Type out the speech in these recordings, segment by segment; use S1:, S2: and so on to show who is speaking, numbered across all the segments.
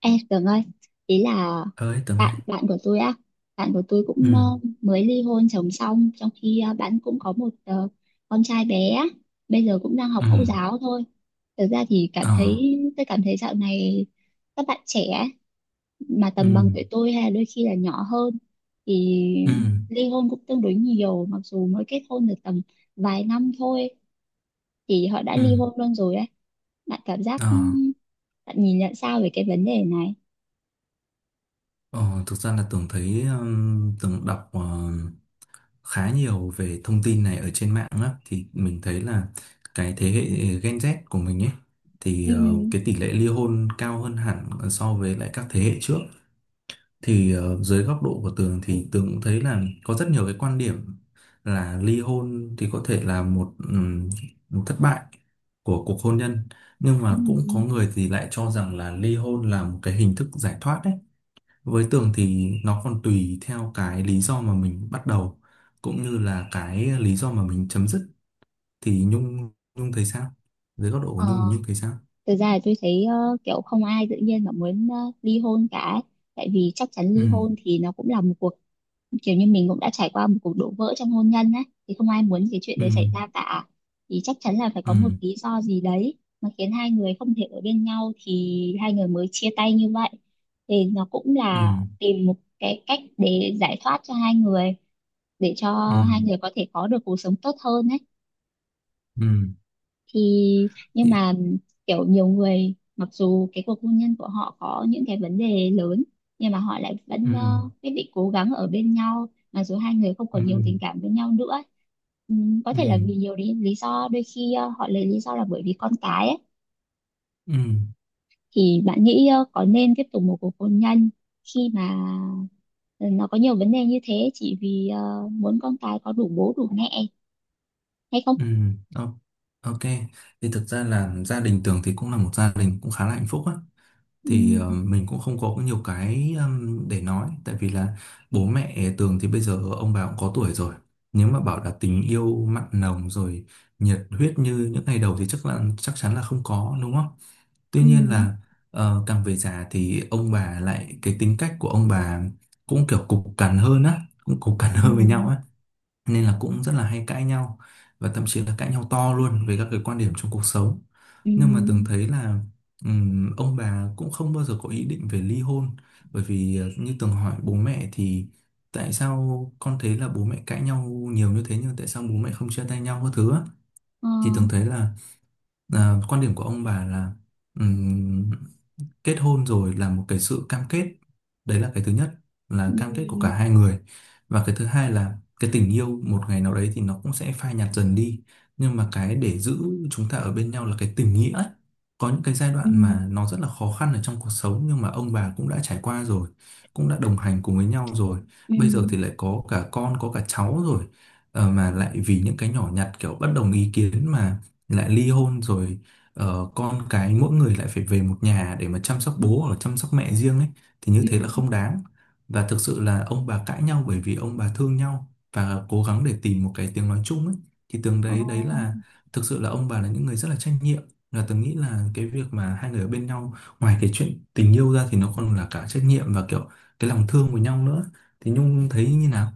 S1: Ê, Tường ơi, ý là
S2: Tới từng ấy.
S1: bạn bạn của tôi á, bạn của tôi cũng
S2: Ừ.
S1: mới ly hôn chồng xong, trong khi bạn cũng có một con trai bé á, bây giờ cũng đang học
S2: Ừ.
S1: mẫu giáo thôi. Thực ra thì cảm
S2: Ờ.
S1: thấy Tôi cảm thấy dạo này các bạn trẻ ấy, mà
S2: Ừ.
S1: tầm bằng tuổi tôi hay là đôi khi là nhỏ hơn thì
S2: Ừ.
S1: ly hôn cũng tương đối nhiều, mặc dù mới kết hôn được tầm vài năm thôi thì họ đã
S2: Ừ.
S1: ly hôn luôn rồi ấy. Bạn cảm giác
S2: Ờ.
S1: ừ, Bạn nhìn nhận sao về cái vấn đề này?
S2: Ờ, thực ra là tưởng đọc khá nhiều về thông tin này ở trên mạng á, thì mình thấy là cái thế hệ Gen Z của mình ấy thì
S1: Ừ.
S2: cái tỷ lệ ly hôn cao hơn hẳn so với lại các thế hệ trước. Thì dưới góc độ của Tường thì Tường cũng thấy là có rất nhiều cái quan điểm là ly hôn thì có thể là một một thất bại của cuộc hôn nhân, nhưng
S1: Ừ.
S2: mà cũng có người thì lại cho rằng là ly hôn là một cái hình thức giải thoát đấy. Với Tường thì nó còn tùy theo cái lý do mà mình bắt đầu cũng như là cái lý do mà mình chấm dứt. Thì Nhung Nhung thấy sao, dưới góc độ của Nhung
S1: Ờ.
S2: Nhung thấy sao?
S1: Thực ra là tôi thấy kiểu không ai tự nhiên mà muốn ly hôn cả, tại vì chắc chắn
S2: Ừ.
S1: ly hôn thì nó cũng là một cuộc, kiểu như mình cũng đã trải qua một cuộc đổ vỡ trong hôn nhân á, thì không ai muốn cái chuyện
S2: Ừ.
S1: đấy xảy ra cả, thì chắc chắn là phải
S2: Ừ.
S1: có một lý do gì đấy mà khiến hai người không thể ở bên nhau thì hai người mới chia tay như vậy. Thì nó cũng
S2: Ừ.
S1: là tìm một cái cách để giải thoát cho hai người, để
S2: Ừ.
S1: cho hai người có thể có được cuộc sống tốt hơn ấy.
S2: Ừ.
S1: thì nhưng mà kiểu nhiều người mặc dù cái cuộc hôn nhân của họ có những cái vấn đề lớn, nhưng mà họ lại
S2: Ừ.
S1: vẫn quyết định cố gắng ở bên nhau mặc dù hai người không
S2: Ừ.
S1: còn nhiều tình cảm với nhau nữa. Có
S2: Ừ,
S1: thể là vì nhiều lý do, đôi khi họ lấy lý do là bởi vì con cái ấy.
S2: ừ,
S1: Thì bạn nghĩ có nên tiếp tục một cuộc hôn nhân khi mà ờ, nó có nhiều vấn đề như thế chỉ vì muốn con cái có đủ bố đủ mẹ hay không?
S2: ừ, o- ok. Thì thực ra là gia đình Tường thì cũng là một gia đình cũng khá là hạnh phúc á. Thì
S1: Ừm.
S2: mình cũng không có nhiều cái để nói. Tại vì là bố mẹ Tường thì bây giờ ông bà cũng có tuổi rồi. Nếu mà bảo là tình yêu mặn nồng rồi nhiệt huyết như những ngày đầu thì chắc là chắc chắn là không có, đúng không? Tuy nhiên
S1: Ừm.
S2: là càng về già thì ông bà lại cái tính cách của ông bà cũng kiểu cục cằn hơn á, cũng cục cằn hơn với nhau
S1: Ừm.
S2: á, nên là cũng rất là hay cãi nhau và thậm chí là cãi nhau to luôn về các cái quan điểm trong cuộc sống. Nhưng mà từng
S1: Ừm.
S2: thấy là ông bà cũng không bao giờ có ý định về ly hôn, bởi vì như từng hỏi bố mẹ thì tại sao con thấy là bố mẹ cãi nhau nhiều như thế nhưng tại sao bố mẹ không chia tay nhau các thứ á?
S1: Ờ.
S2: Thì từng thấy là à, quan điểm của ông bà là kết hôn rồi là một cái sự cam kết, đấy là cái thứ nhất, là cam kết của
S1: Ừ.
S2: cả hai người. Và cái thứ hai là cái tình yêu một ngày nào đấy thì nó cũng sẽ phai nhạt dần đi, nhưng mà cái để giữ chúng ta ở bên nhau là cái tình nghĩa ấy. Có những cái giai
S1: Ừ.
S2: đoạn mà nó rất là khó khăn ở trong cuộc sống nhưng mà ông bà cũng đã trải qua rồi, cũng đã đồng hành cùng với nhau rồi,
S1: Ừ.
S2: bây giờ thì lại có cả con có cả cháu rồi. Ờ, mà lại vì những cái nhỏ nhặt kiểu bất đồng ý kiến mà lại ly hôn rồi. Ờ, con cái mỗi người lại phải về một nhà để mà chăm sóc bố hoặc là chăm sóc mẹ riêng ấy thì như
S1: Ừ.
S2: thế là không đáng. Và thực sự là ông bà cãi nhau bởi vì ông bà thương nhau và cố gắng để tìm một cái tiếng nói chung ấy. Thì tưởng
S1: Ồ.
S2: đấy đấy là thực sự là ông bà là những người rất là trách nhiệm, là tôi nghĩ là cái việc mà hai người ở bên nhau ngoài cái chuyện tình yêu ra thì nó còn là cả trách nhiệm và kiểu cái lòng thương với nhau nữa. Thì Nhung thấy như nào?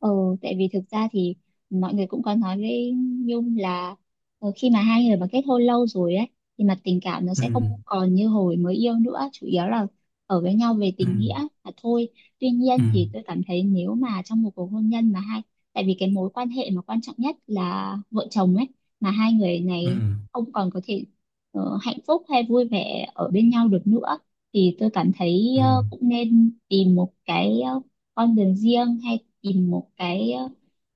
S1: Ừ, tại vì thực ra thì mọi người cũng có nói với Nhung là khi mà hai người mà kết hôn lâu rồi ấy thì mặt tình cảm nó
S2: Ừ.
S1: sẽ không còn như hồi mới yêu nữa, chủ yếu là ở với nhau về
S2: Ừ.
S1: tình nghĩa là thôi. Tuy
S2: Ừ.
S1: nhiên thì tôi cảm thấy nếu mà trong một cuộc hôn nhân mà hai, tại vì cái mối quan hệ mà quan trọng nhất là vợ chồng ấy, mà hai người
S2: Ừ.
S1: này không còn có thể hạnh phúc hay vui vẻ ở bên nhau được nữa, thì tôi cảm thấy
S2: Ừ.
S1: cũng nên tìm một cái con đường riêng hay tìm một cái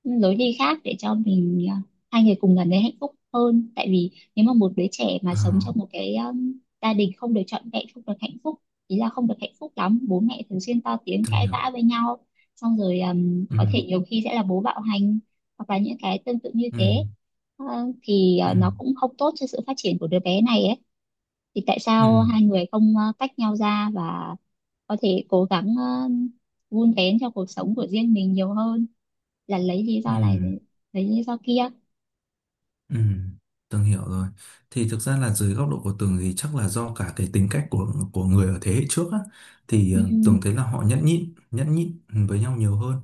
S1: lối đi khác để cho mình hai người cùng gần thấy hạnh phúc hơn. Tại vì nếu mà một đứa trẻ mà
S2: Ờ,
S1: sống trong một cái gia đình không được trọn vẹn, không được hạnh phúc, ý là không được hạnh phúc lắm, bố mẹ thường xuyên to tiếng
S2: tôi
S1: cãi
S2: hiểu.
S1: vã với nhau, xong rồi
S2: Ừ.
S1: có thể nhiều khi sẽ là bố bạo hành hoặc là những cái tương tự như
S2: Ừ.
S1: thế. Ờ, thì
S2: Ừ.
S1: nó cũng không tốt cho sự phát triển của đứa bé này ấy. Thì tại
S2: Ừ,
S1: sao hai người không tách nhau ra và có thể cố gắng vun vén cho cuộc sống của riêng mình nhiều hơn là lấy lý
S2: ừ,
S1: do này để lấy lý do kia.
S2: ừ, Tường hiểu rồi. Thì thực ra là dưới góc độ của Tường thì chắc là do cả cái tính cách của người ở thế hệ trước á, thì
S1: Ừ.
S2: Tường thấy là họ nhẫn nhịn với nhau nhiều hơn.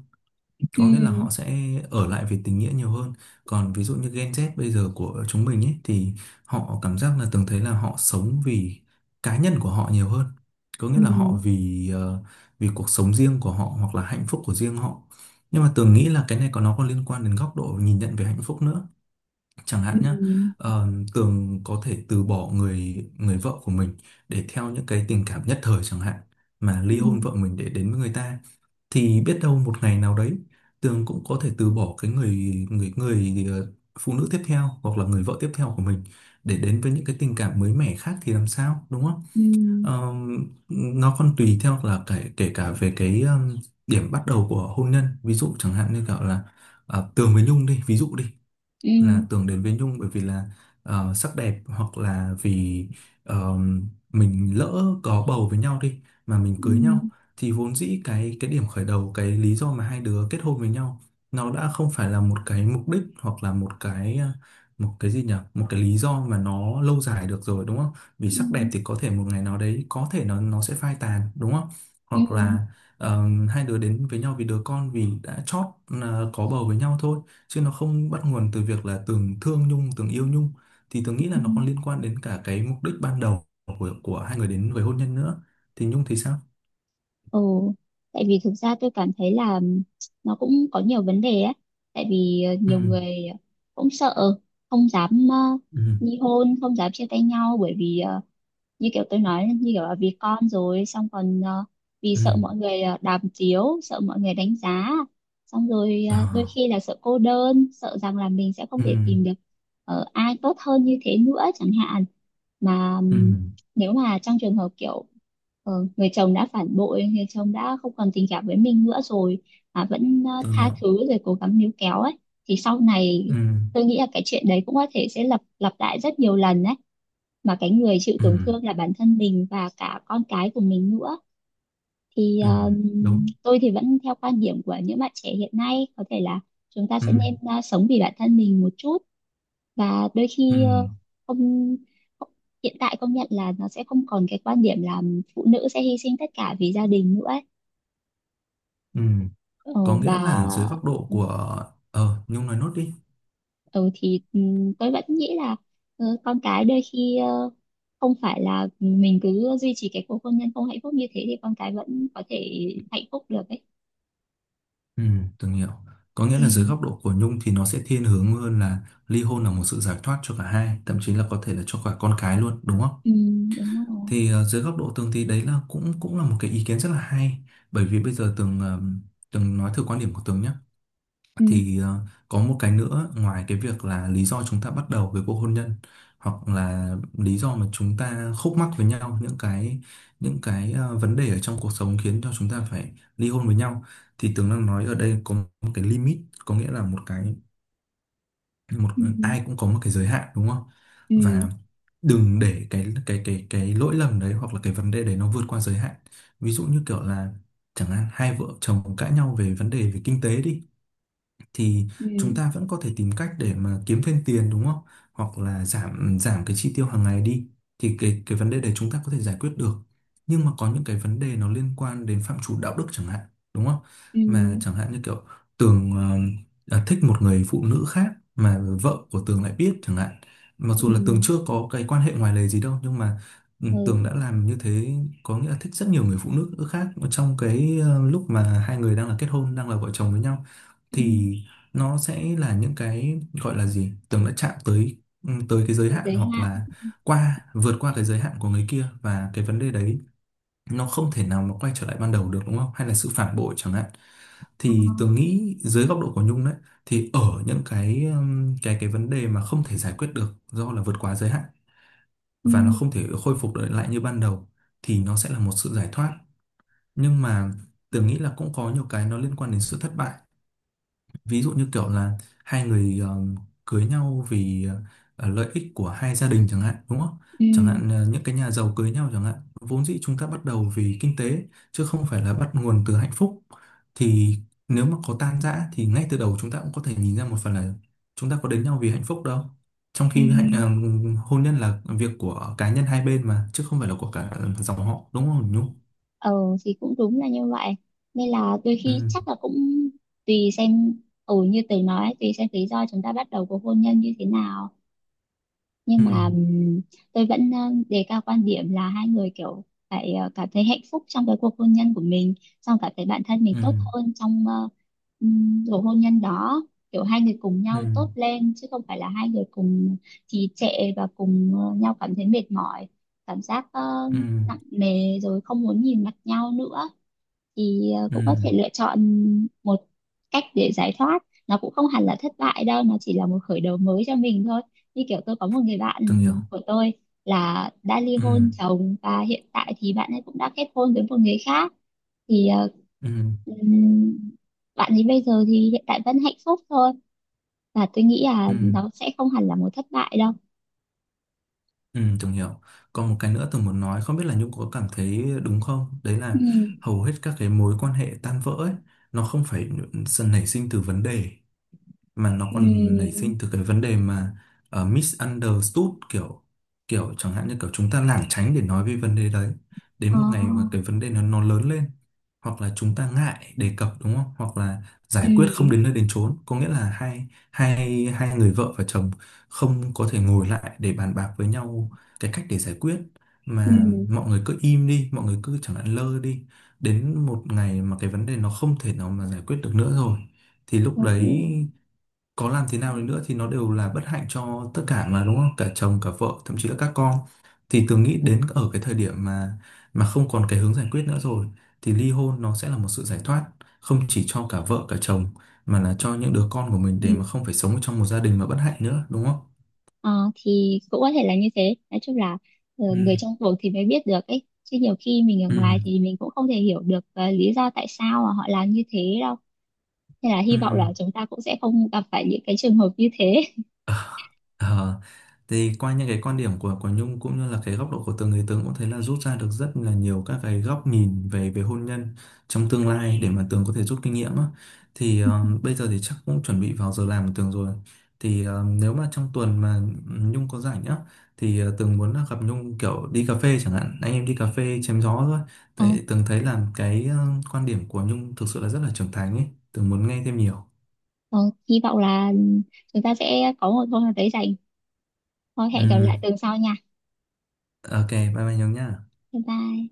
S2: Có nghĩa là
S1: Ừ.
S2: họ sẽ ở lại vì tình nghĩa nhiều hơn. Còn ví dụ như Gen Z bây giờ của chúng mình ấy thì họ cảm giác là Tường thấy là họ sống vì cá nhân của họ nhiều hơn. Có nghĩa là họ
S1: Ừ.
S2: vì vì cuộc sống riêng của họ hoặc là hạnh phúc của riêng họ. Nhưng mà Tường nghĩ là cái này có nó có liên quan đến góc độ nhìn nhận về hạnh phúc nữa, chẳng hạn
S1: Ừ.
S2: nhé. Tường có thể từ bỏ người người vợ của mình để theo những cái tình cảm nhất thời chẳng hạn, mà ly
S1: Ừ.
S2: hôn vợ mình để đến với người ta. Thì biết đâu một ngày nào đấy Tường cũng có thể từ bỏ cái người người người ờ, phụ nữ tiếp theo hoặc là người vợ tiếp theo của mình để đến với những cái tình cảm mới mẻ khác, thì làm sao đúng không?
S1: Ừ.
S2: Nó còn tùy theo là kể kể cả về cái điểm bắt đầu của hôn nhân. Ví dụ chẳng hạn như kiểu là Tường với Nhung đi, ví dụ đi,
S1: Ừ.
S2: là tưởng đến với Nhung bởi vì là sắc đẹp hoặc là vì ờ, mình lỡ có bầu với nhau đi mà mình cưới nhau.
S1: Ừ.
S2: Thì vốn dĩ cái điểm khởi đầu cái lý do mà hai đứa kết hôn với nhau nó đã không phải là một cái mục đích hoặc là một cái một cái gì nhỉ, một cái lý do mà nó lâu dài được rồi đúng không? Vì
S1: Ừ.
S2: sắc đẹp thì có thể một ngày nào đấy có thể nó sẽ phai tàn đúng không? Hoặc
S1: Ừ.
S2: là ờ, hai đứa đến với nhau vì đứa con, vì đã chót có bầu với nhau thôi, chứ nó không bắt nguồn từ việc là Tường thương Nhung, Tường yêu Nhung. Thì Tường nghĩ
S1: Ừ.
S2: là nó còn liên quan đến cả cái mục đích ban đầu của hai người đến với hôn nhân nữa. Thì Nhung thì sao?
S1: Ồ, tại vì thực ra tôi cảm thấy là nó cũng có nhiều vấn đề ấy. Tại vì
S2: Ừ.
S1: nhiều người cũng sợ, không dám
S2: Ừ.
S1: ly hôn, không dám chia tay nhau, bởi vì như kiểu tôi nói, như kiểu là vì con, rồi xong còn vì
S2: Ừ.
S1: sợ mọi người đàm tiếu, sợ mọi người đánh giá, xong rồi đôi
S2: À.
S1: khi là sợ cô đơn, sợ rằng là mình sẽ không
S2: Ừ.
S1: thể tìm được ai tốt hơn như thế nữa chẳng hạn. Mà
S2: Ừ,
S1: nếu mà trong trường hợp kiểu người chồng đã phản bội, người chồng đã không còn tình cảm với mình nữa rồi mà vẫn
S2: Tường
S1: tha
S2: hiểu.
S1: thứ rồi cố gắng níu kéo ấy, thì sau này
S2: Ừ.
S1: tôi nghĩ là cái chuyện đấy cũng có thể sẽ lặp lặp lại rất nhiều lần đấy, mà cái người chịu
S2: Ừ.
S1: tổn thương là bản thân mình và cả con cái của mình nữa. Thì
S2: Ừ. Đúng.
S1: Tôi thì vẫn theo quan điểm của những bạn trẻ hiện nay, có thể là chúng ta
S2: Ừ.
S1: sẽ nên sống vì bản thân mình một chút. Và đôi
S2: Ừ.
S1: khi không không- hiện tại công nhận là nó sẽ không còn cái quan điểm là phụ nữ sẽ hy sinh tất cả vì gia đình nữa ấy.
S2: Ừ.
S1: Ờ,
S2: Có nghĩa
S1: và
S2: là dưới góc độ
S1: ừ.
S2: của, ờ, Nhung nói nốt đi.
S1: Ừ thì tôi vẫn nghĩ là con cái đôi khi không phải là mình cứ duy trì cái cuộc hôn nhân không hạnh phúc như thế thì con cái vẫn có thể hạnh phúc được ấy.
S2: Ừ, Tường hiểu. Có nghĩa
S1: Ừ.
S2: là dưới góc độ của Nhung thì nó sẽ thiên hướng hơn là ly hôn là một sự giải thoát cho cả hai, thậm chí là có thể là cho cả con cái luôn, đúng không?
S1: Ừ, đúng rồi.
S2: Thì dưới góc độ Tường thì đấy là cũng cũng là một cái ý kiến rất là hay. Bởi vì bây giờ Tường nói thử quan điểm của Tường nhé.
S1: Ừ.
S2: Thì có một cái nữa ngoài cái việc là lý do chúng ta bắt đầu với cuộc hôn nhân, hoặc là lý do mà chúng ta khúc mắc với nhau, những cái những cái vấn đề ở trong cuộc sống khiến cho chúng ta phải ly hôn với nhau. Thì Tường đang nói ở đây có một cái limit, có nghĩa là một cái, một,
S1: Ừ.
S2: ai cũng có một cái giới hạn đúng không?
S1: Ừ.
S2: Và đừng để cái lỗi lầm đấy hoặc là cái vấn đề đấy nó vượt qua giới hạn. Ví dụ như kiểu là chẳng hạn hai vợ chồng cãi nhau về vấn đề về kinh tế đi, thì
S1: Ừ.
S2: chúng ta vẫn có thể tìm cách để mà kiếm thêm tiền đúng không? Hoặc là giảm giảm cái chi tiêu hàng ngày đi thì cái vấn đề đấy chúng ta có thể giải quyết được. Nhưng mà có những cái vấn đề nó liên quan đến phạm trù đạo đức chẳng hạn, đúng không?
S1: Ừ.
S2: Mà chẳng hạn như kiểu Tường à, thích một người phụ nữ khác mà vợ của Tường lại biết chẳng hạn. Mặc dù
S1: Ừ.
S2: là Tường chưa có cái quan hệ ngoài lề gì đâu nhưng mà ừ,
S1: Ừ.
S2: Tường đã làm như thế, có nghĩa là thích rất nhiều người phụ nữ khác trong cái lúc mà hai người đang là kết hôn, đang là vợ chồng với nhau.
S1: Ừ.
S2: Thì nó sẽ là những cái gọi là gì tưởng đã chạm tới ừ, tới cái giới
S1: Cái
S2: hạn
S1: giới
S2: hoặc
S1: hạn.
S2: là qua vượt qua cái giới hạn của người kia, và cái vấn đề đấy nó không thể nào mà quay trở lại ban đầu được đúng không, hay là sự phản bội chẳng hạn.
S1: Ờ.
S2: Thì tường nghĩ dưới góc độ của Nhung đấy, thì ở những cái cái vấn đề mà không thể giải quyết được do là vượt quá giới hạn
S1: Ừ.
S2: và nó không thể khôi phục được lại như ban đầu, thì nó sẽ là một sự giải thoát. Nhưng mà tường nghĩ là cũng có nhiều cái nó liên quan đến sự thất bại. Ví dụ như kiểu là hai người cưới nhau vì lợi ích của hai gia đình chẳng hạn đúng không? Chẳng
S1: Ừ.
S2: hạn những cái nhà giàu cưới nhau chẳng hạn, vốn dĩ chúng ta bắt đầu vì kinh tế chứ không phải là bắt nguồn từ hạnh phúc. Thì nếu mà có tan rã thì ngay từ đầu chúng ta cũng có thể nhìn ra một phần là chúng ta có đến nhau vì hạnh phúc đâu. Trong
S1: Ừ.
S2: khi hôn nhân là việc của cá nhân hai bên mà chứ không phải là của cả dòng họ đúng không Nhung?
S1: Ờ thì cũng đúng là như vậy, nên là đôi khi
S2: Ừ.
S1: chắc là cũng tùy xem, ừ như tớ nói, tùy xem lý do chúng ta bắt đầu cuộc hôn nhân như thế nào. Nhưng
S2: Ừ.
S1: mà tôi vẫn đề cao quan điểm là hai người kiểu phải cảm thấy hạnh phúc trong cái cuộc hôn nhân của mình, xong cảm thấy bản thân mình
S2: Ừ.
S1: tốt hơn trong cuộc hôn nhân đó. Kiểu hai người cùng
S2: Ừ.
S1: nhau tốt lên chứ không phải là hai người cùng trì trệ và cùng nhau cảm thấy mệt mỏi, cảm giác
S2: Ừ. Ừ.
S1: nặng nề rồi không muốn nhìn mặt nhau nữa, thì
S2: Ừ,
S1: cũng có thể lựa chọn một cách để giải thoát. Nó cũng không hẳn là thất bại đâu, nó chỉ là một khởi đầu mới cho mình thôi. Như kiểu tôi có một người bạn
S2: từng hiểu.
S1: của tôi là đã ly
S2: Ừ.
S1: hôn chồng, và hiện tại thì bạn ấy cũng đã kết hôn với một người khác, thì
S2: Ừ,
S1: ừm, bạn ấy bây giờ thì hiện tại vẫn hạnh phúc thôi, và tôi nghĩ là
S2: ừ,
S1: nó sẽ không hẳn là một thất bại đâu.
S2: ừ, Tường hiểu. Còn một cái nữa Tường muốn nói, không biết là Nhung có cảm thấy đúng không? Đấy
S1: Ừ.
S2: là hầu hết các cái mối quan hệ tan vỡ ấy, nó không phải sự nảy sinh từ vấn đề, mà nó còn nảy
S1: Ừ.
S2: sinh từ cái vấn đề mà misunderstood, kiểu kiểu chẳng hạn như kiểu chúng ta lảng tránh để nói về vấn đề đấy,
S1: Ờ.
S2: đến một ngày mà cái vấn đề nó lớn lên, hoặc là chúng ta ngại đề cập đúng không, hoặc là giải quyết không
S1: Ừ.
S2: đến nơi đến chốn, có nghĩa là hai hai hai người vợ và chồng không có thể ngồi lại để bàn bạc với nhau cái cách để giải quyết,
S1: Ừ.
S2: mà mọi người cứ im đi, mọi người cứ chẳng hạn lơ đi, đến một ngày mà cái vấn đề nó không thể nào mà giải quyết được nữa rồi thì lúc
S1: Ừ.
S2: đấy có làm thế nào đi nữa thì nó đều là bất hạnh cho tất cả mà đúng không, cả chồng cả vợ thậm chí là các con. Thì Tường nghĩ đến ở cái thời điểm mà không còn cái hướng giải quyết nữa rồi, thì ly hôn nó sẽ là một sự giải thoát, không chỉ cho cả vợ cả chồng mà là cho những đứa con của mình,
S1: Ừ.
S2: để mà không phải sống trong một gia đình mà bất hạnh nữa đúng không?
S1: Ờ, thì cũng có thể là như thế. Nói chung là người
S2: Ừ.
S1: trong cuộc thì mới biết được ấy, chứ nhiều khi mình ở
S2: Ừ.
S1: ngoài thì mình cũng không thể hiểu được lý do tại sao mà họ làm như thế đâu. Nên là
S2: Ừ.
S1: hy vọng là chúng ta cũng sẽ không gặp phải những cái trường hợp như thế.
S2: Ờ. Ờ. Thì qua những cái quan điểm của Nhung cũng như là cái góc độ của từng người, Tường cũng thấy là rút ra được rất là nhiều các cái góc nhìn về về hôn nhân trong tương lai để mà Tường có thể rút kinh nghiệm á. Thì bây giờ thì chắc cũng chuẩn bị vào giờ làm của Tường rồi. Thì nếu mà trong tuần mà Nhung có rảnh á thì Tường muốn là gặp Nhung kiểu đi cà phê chẳng hạn, anh em đi cà phê chém gió thôi.
S1: Ờ,
S2: Tại Tường thấy là cái quan điểm của Nhung thực sự là rất là trưởng thành ấy, Tường muốn nghe thêm nhiều.
S1: ờ, hy vọng là ừ, chúng ta sẽ có một hôm nào đấy rảnh. Thôi, hẹn gặp
S2: Ừ,
S1: lại tuần sau nha.
S2: ok, bye bye Nhung nhá.
S1: Bye bye.